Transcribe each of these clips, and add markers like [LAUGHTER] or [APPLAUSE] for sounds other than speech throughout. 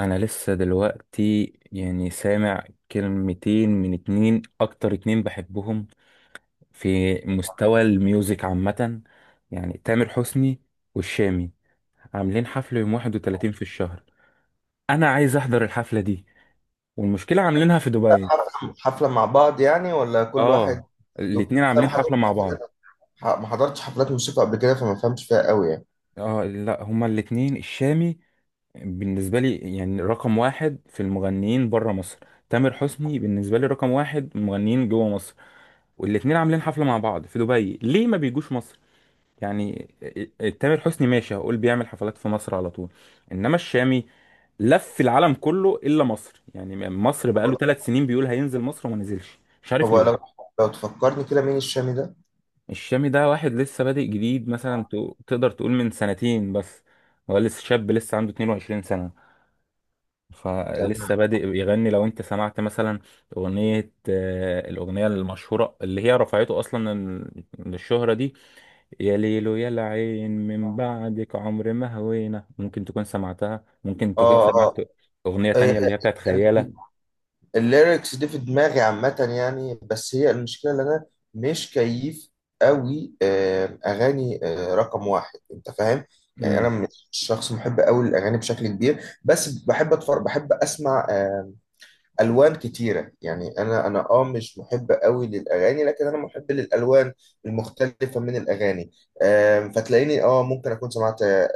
انا لسه دلوقتي يعني سامع كلمتين من اتنين اكتر اتنين بحبهم في مستوى الميوزك عامة، يعني تامر حسني والشامي عاملين حفلة يوم 31 في الشهر. انا عايز احضر الحفلة دي، والمشكلة عاملينها في دبي. حفلة مع بعض يعني، ولا كل واحد اه، لوحده؟ بس الاتنين أنا عاملين ما حفلة حضرتش مع بعض. حفلات موسيقى قبل كده، فما فهمش فيها قوي يعني. اه لا، هما الاتنين. الشامي بالنسبة لي يعني رقم واحد في المغنيين برا مصر. تامر حسني بالنسبة لي رقم واحد مغنيين جوا مصر. والاتنين عاملين حفلة مع بعض في دبي، ليه ما بيجوش مصر؟ يعني تامر حسني ماشي، هقول بيعمل حفلات في مصر على طول. انما الشامي لف العالم كله الا مصر، يعني مصر بقاله طب 3 سنين بيقول هينزل مصر وما نزلش، مش طب عارف لو ليه. لو تفكرني كده، مين الشامي ده؟ الشامي ده واحد لسه بادئ جديد، مثلا تقدر تقول من سنتين بس. هو لسه شاب، لسه عنده 22 سنة، تمام، فلسه بادئ يغني. لو انت سمعت مثلا اغنية الاغنية المشهورة اللي هي رفعته اصلا للشهرة دي. يا ليلو يا العين من بعدك عمر ما هوينا، ممكن تكون سمعتها، ممكن تكون اه، سمعت اه. أغنية إيه، تانية إيه، اللي هي بتاعت خيالة. ال- الليركس دي في دماغي عامة يعني، بس هي المشكلة اللي أنا مش كيف قوي أغاني، رقم واحد، أنت فاهم؟ يعني أنا امم، مش شخص محب قوي للأغاني بشكل كبير، بس بحب أتفرج، بحب أسمع الوان كتيره، يعني انا مش محب قوي للاغاني، لكن انا محب للالوان المختلفه من الاغاني. فتلاقيني ممكن اكون سمعت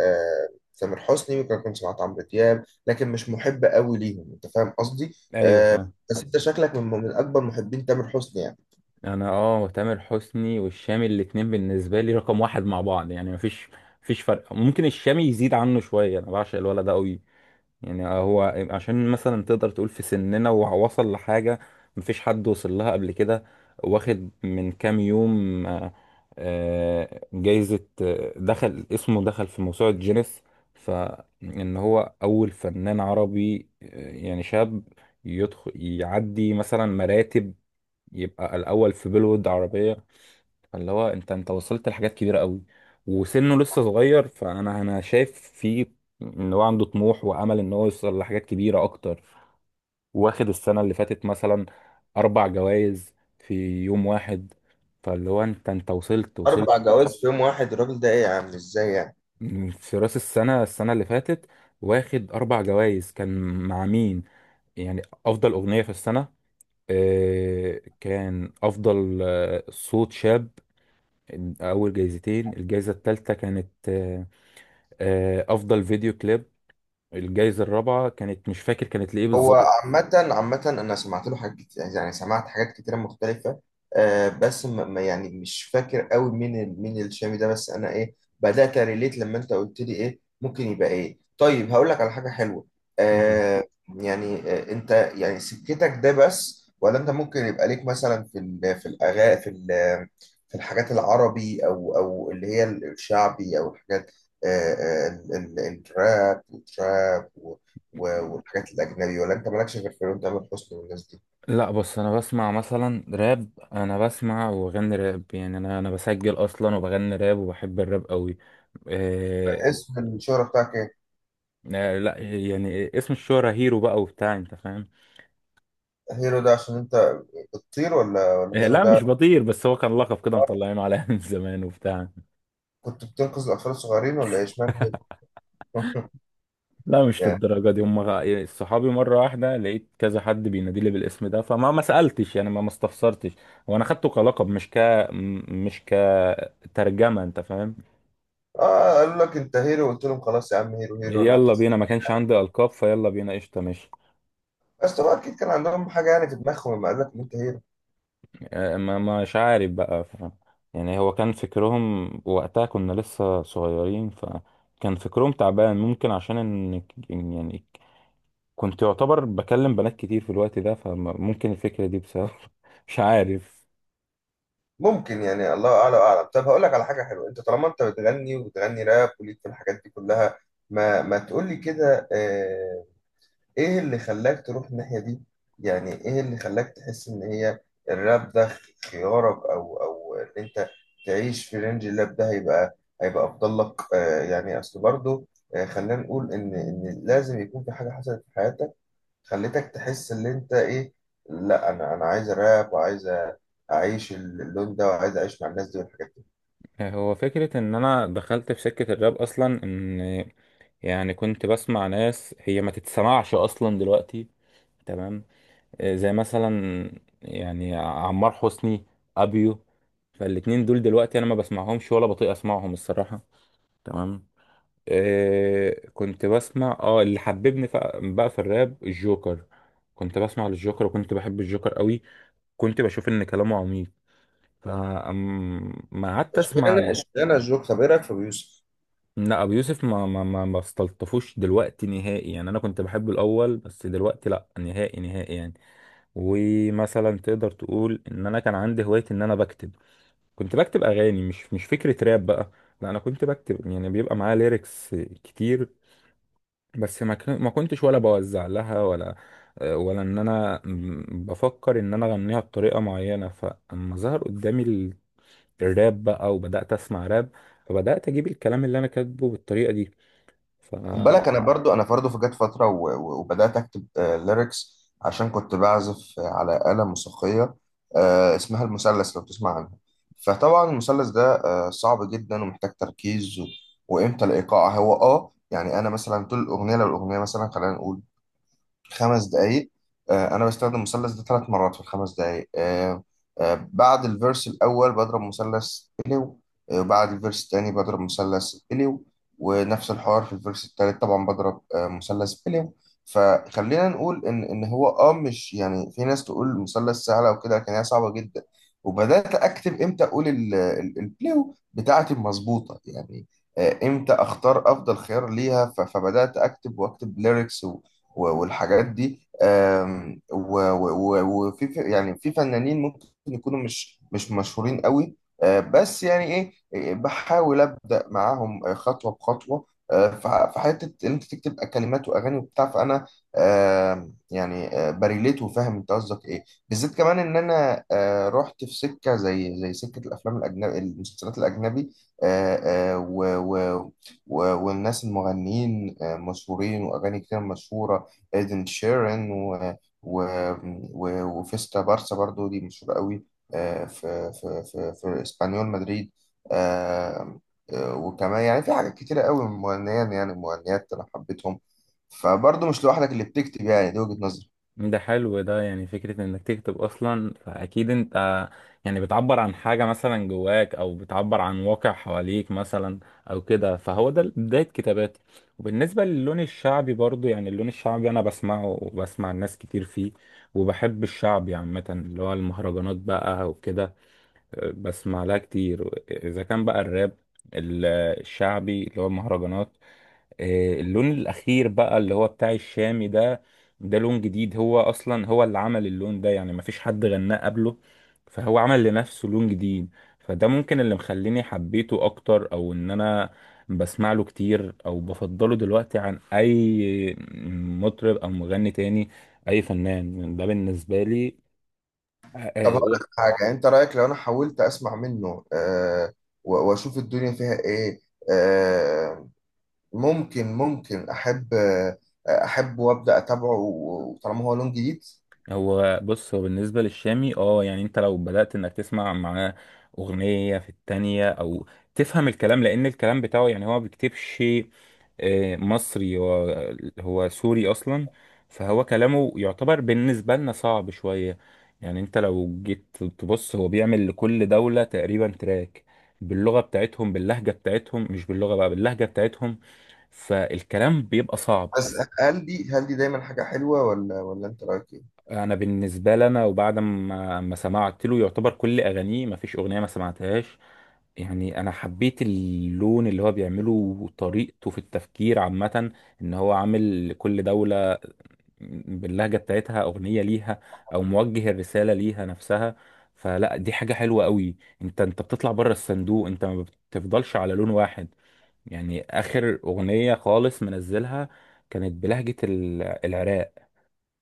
تامر حسني، ممكن اكون سمعت عمرو دياب، لكن مش محب قوي ليهم، انت فاهم قصدي. ايوه آه، فاهم. بس انت شكلك من اكبر محبين تامر حسني يعني. انا تامر حسني والشامي الاتنين بالنسبة لي رقم واحد مع بعض، يعني مفيش فرق. ممكن الشامي يزيد عنه شوية، انا بعشق الولد ده قوي. يعني هو عشان مثلا تقدر تقول في سننا ووصل لحاجة مفيش حد وصل لها قبل كده. واخد من كام يوم جايزة، دخل اسمه، دخل في موسوعة جينيس. فإن هو أول فنان عربي يعني شاب يدخل يعدي مثلا مراتب، يبقى الأول في بيلوود عربية. فاللي هو انت وصلت لحاجات كبيره قوي، وسنه لسه صغير، فانا شايف فيه ان هو عنده طموح وامل ان هو يوصل لحاجات كبيره اكتر. واخد السنه اللي فاتت مثلا اربع جوائز في يوم واحد. فاللي هو انت وصلت. 4 جوائز في يوم واحد؟ الراجل ده ايه يا عم؟ ازاي يعني؟ من في راس السنه اللي فاتت واخد اربع جوائز. كان مع مين؟ يعني افضل اغنيه في السنه، كان افضل صوت شاب، اول جايزتين. الجايزه الثالثه كانت افضل فيديو كليب. الجايزة الرابعة كانت مش فاكر كانت لإيه هو بالظبط. عامة عامة أنا سمعت له حاجات كتير، يعني سمعت حاجات كتيرة مختلفة. بس يعني مش فاكر قوي مين الشامي ده، بس أنا إيه بدأت أريليت لما أنت قلت لي إيه ممكن يبقى إيه. طيب هقول لك على حاجة حلوة. مم. آه يعني أنت يعني سكتك ده بس، ولا أنت ممكن يبقى ليك مثلا في ال في الأغا في ال في الحاجات العربي، أو اللي هي الشعبي، أو الحاجات آه آه ال- الراب والتراب، والحاجات الأجنبي، ولا أنت مالكش غير في تامر حسني والناس دي؟ لا، بس انا بسمع مثلا راب، انا بسمع وبغني راب، يعني انا بسجل اصلا وبغني راب وبحب الراب قوي. آه اسم الشهرة بتاعك إيه؟ لا يعني اسم الشهرة هيرو بقى وبتاع، انت فاهم. هيرو ده عشان أنت بتطير، ولا آه هيرو لا مش ده بطير، بس هو كان لقب كده مطلعينه عليا من [LAUGHS] زمان وبتاع. كنت بتنقذ الأطفال الصغيرين، ولا إيه؟ إشمعنى هيرو؟ [LAUGHS] لا مش يعني للدرجة دي، هم صحابي مرة واحدة لقيت كذا حد بينادي لي بالاسم ده، فما ما سألتش يعني ما استفسرتش. وانا خدته كلقب، مش م- مش كترجمة، انت فاهم. قالوا لك أنت هيرو، قلت لهم خلاص يا عم هيرو هيرو أنا يلا هخس. بينا، ما كانش عندي ألقاب، فيلا بينا، قشطة ماشي. بس طبعا أكيد كان عندهم حاجة يعني في دماغهم لما قال لك إن أنت هيرو. ما مش عارف بقى يعني هو كان فكرهم وقتها كنا لسه صغيرين، فكان فكرهم تعبان ممكن، عشان إن يعني كنت يعتبر بكلم بنات كتير في الوقت ده، فممكن الفكرة دي بسبب [LAUGHS] مش عارف. ممكن، يعني الله أعلى وأعلم. طب هقول لك على حاجة حلوة، أنت طالما أنت بتغني وبتغني راب وليك في الحاجات دي كلها، ما تقول لي كده. ايه اللي خلاك تروح الناحية دي، يعني ايه اللي خلاك تحس ان هي الراب ده خيارك، او ان انت تعيش في رينج الراب ده، هيبقى افضل لك؟ يعني اصل برضه، خلينا نقول ان لازم يكون في حاجة حصلت في حياتك خلتك تحس ان انت ايه، لا انا عايز راب، وعايز اعيش اللون ده، وعايز اعيش مع الناس دي والحاجات دي. هو فكرة إن أنا دخلت في سكة الراب أصلا، إن يعني كنت بسمع ناس هي ما تتسمعش أصلا دلوقتي. تمام. زي مثلا يعني عمار حسني، أبيو. فالاتنين دول دلوقتي أنا ما بسمعهمش ولا بطيق أسمعهم الصراحة. تمام. كنت بسمع اللي حببني بقى في الراب الجوكر. كنت بسمع للجوكر وكنت بحب الجوكر قوي، كنت بشوف إن كلامه عميق، فما قعدت أسمع. اشمعنى الجوك، طب ايه رايك في أبو يوسف؟ لا، ابو يوسف ما استلطفوش دلوقتي نهائي، يعني انا كنت بحبه الاول بس دلوقتي لا، نهائي نهائي يعني. ومثلا تقدر تقول ان انا كان عندي هوايه ان انا بكتب. كنت بكتب اغاني، مش فكره راب بقى. لا انا كنت بكتب، يعني بيبقى معايا ليركس كتير. بس ما كنتش ولا بوزع لها، ولا ان انا بفكر ان انا اغنيها بطريقه معينه. فاما ظهر قدامي الراب بقى وبدات اسمع راب، فبدات اجيب الكلام اللي انا كاتبه بالطريقه دي. خد بالك، انا برضو في جت فتره وبدات اكتب ليركس، عشان كنت بعزف على آلة موسيقيه اسمها المثلث، لو تسمع عنها. فطبعا المثلث ده صعب جدا ومحتاج تركيز، وامتى الايقاع هو يعني، انا مثلا طول الاغنيه، لو الاغنيه مثلا خلينا نقول 5 دقايق، انا بستخدم المثلث ده 3 مرات في الخمس دقايق. بعد الفيرس الاول بضرب مثلث اليو، بعد الفيرس الثاني بضرب مثلث اليو، ونفس الحوار في الفيرس الثالث طبعا بضرب مثلث اليو. فخلينا نقول ان هو مش يعني، في ناس تقول مثلث سهله وكده، لكن هي صعبه جدا. وبدات اكتب امتى اقول البليو بتاعتي مظبوطه يعني، امتى اختار افضل خيار ليها. فبدات اكتب واكتب ليركس والحاجات دي. آم، و- و- و- وفي يعني في فنانين ممكن يكونوا مش مشهورين قوي، بس يعني ايه، بحاول ابدا معاهم خطوه بخطوه، في حته ان انت تكتب كلمات واغاني وبتاع، فانا يعني بريليت وفاهم انت قصدك ايه بالذات، كمان ان انا رحت في سكه زي سكه الافلام الاجنبي، المسلسلات الاجنبي، آه، آه، و- و- والناس المغنيين مشهورين، واغاني كتير مشهوره. إيدن شيران و... وفيستا بارسا، برضو دي مشهورة قوي في اسبانيول مدريد. آه، وكمان يعني في حاجات كتيرة قوي مغنيين يعني مغنيات أنا حبيتهم، فبرضو مش لوحدك اللي بتكتب، يعني دي وجهة نظري. ده حلو ده، يعني فكرة انك تكتب اصلا، فاكيد انت يعني بتعبر عن حاجة مثلا جواك، او بتعبر عن واقع حواليك مثلا او كده، فهو ده بداية كتاباتي. وبالنسبة للون الشعبي برضو، يعني اللون الشعبي انا بسمعه وبسمع الناس كتير فيه، وبحب الشعبي عامة اللي هو المهرجانات بقى وكده. بسمع لها كتير اذا كان بقى الراب الشعبي اللي هو المهرجانات. اللون الاخير بقى اللي هو بتاع الشامي ده، ده لون جديد. هو اصلا هو اللي عمل اللون ده، يعني مفيش حد غناه قبله، فهو عمل لنفسه لون جديد. فده ممكن اللي مخليني حبيته اكتر، او ان انا بسمع له كتير، او بفضله دلوقتي عن اي مطرب او مغني تاني، اي فنان ده بالنسبة لي. آه، طب هقول آه، لك حاجة، أنت رأيك لو أنا حاولت أسمع منه وأشوف الدنيا فيها إيه؟ آه، ممكن أحب، أحب وأبدأ أتابعه، طالما هو لون جديد. هو بص، هو بالنسبة للشامي يعني انت لو بدأت انك تسمع معاه اغنية في التانية، او تفهم الكلام، لان الكلام بتاعه يعني هو ما بيكتبش مصري، هو سوري اصلا. فهو كلامه يعتبر بالنسبة لنا صعب شوية. يعني انت لو جيت تبص هو بيعمل لكل دولة تقريبا تراك باللغة بتاعتهم، باللهجة بتاعتهم، مش باللغة بقى، باللهجة بتاعتهم، فالكلام بيبقى صعب. بس هل دي دايما حاجة حلوة، ولا انت رأيك ايه؟ انا بالنسبه لي، انا وبعد ما سمعت له، يعتبر كل اغانيه ما فيش اغنيه ما سمعتهاش. يعني انا حبيت اللون اللي هو بيعمله وطريقته في التفكير عامه، ان هو عامل كل دوله باللهجه بتاعتها اغنيه ليها، او موجه الرساله ليها نفسها، فلا دي حاجه حلوه قوي. انت بتطلع بره الصندوق، انت ما بتفضلش على لون واحد. يعني اخر اغنيه خالص منزلها كانت بلهجه العراق.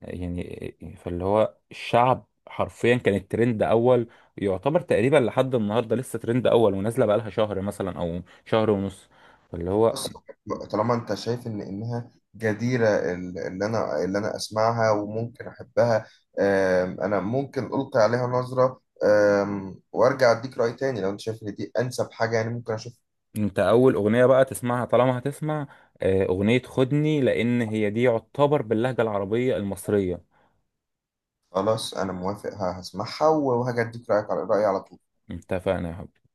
يعني فاللي هو الشعب حرفيا كانت ترند اول، يعتبر تقريبا لحد النهارده لسه ترند اول، ونازله بقالها شهر مثلا او شهر ونص، فاللي هو. خلاص، طالما انت شايف ان انها جديرة، اللي انا اسمعها وممكن احبها. انا ممكن القي عليها نظرة، وارجع اديك رأي تاني لو انت شايف ان دي انسب حاجة، يعني ممكن اشوف. انت اول اغنيه بقى تسمعها طالما هتسمع، اغنيه خدني، لان هي دي يعتبر باللهجه العربيه المصريه. خلاص، انا موافق، هسمعها وهاجي اديك رأيك على رأيي على طول. اتفقنا يا حبيبي.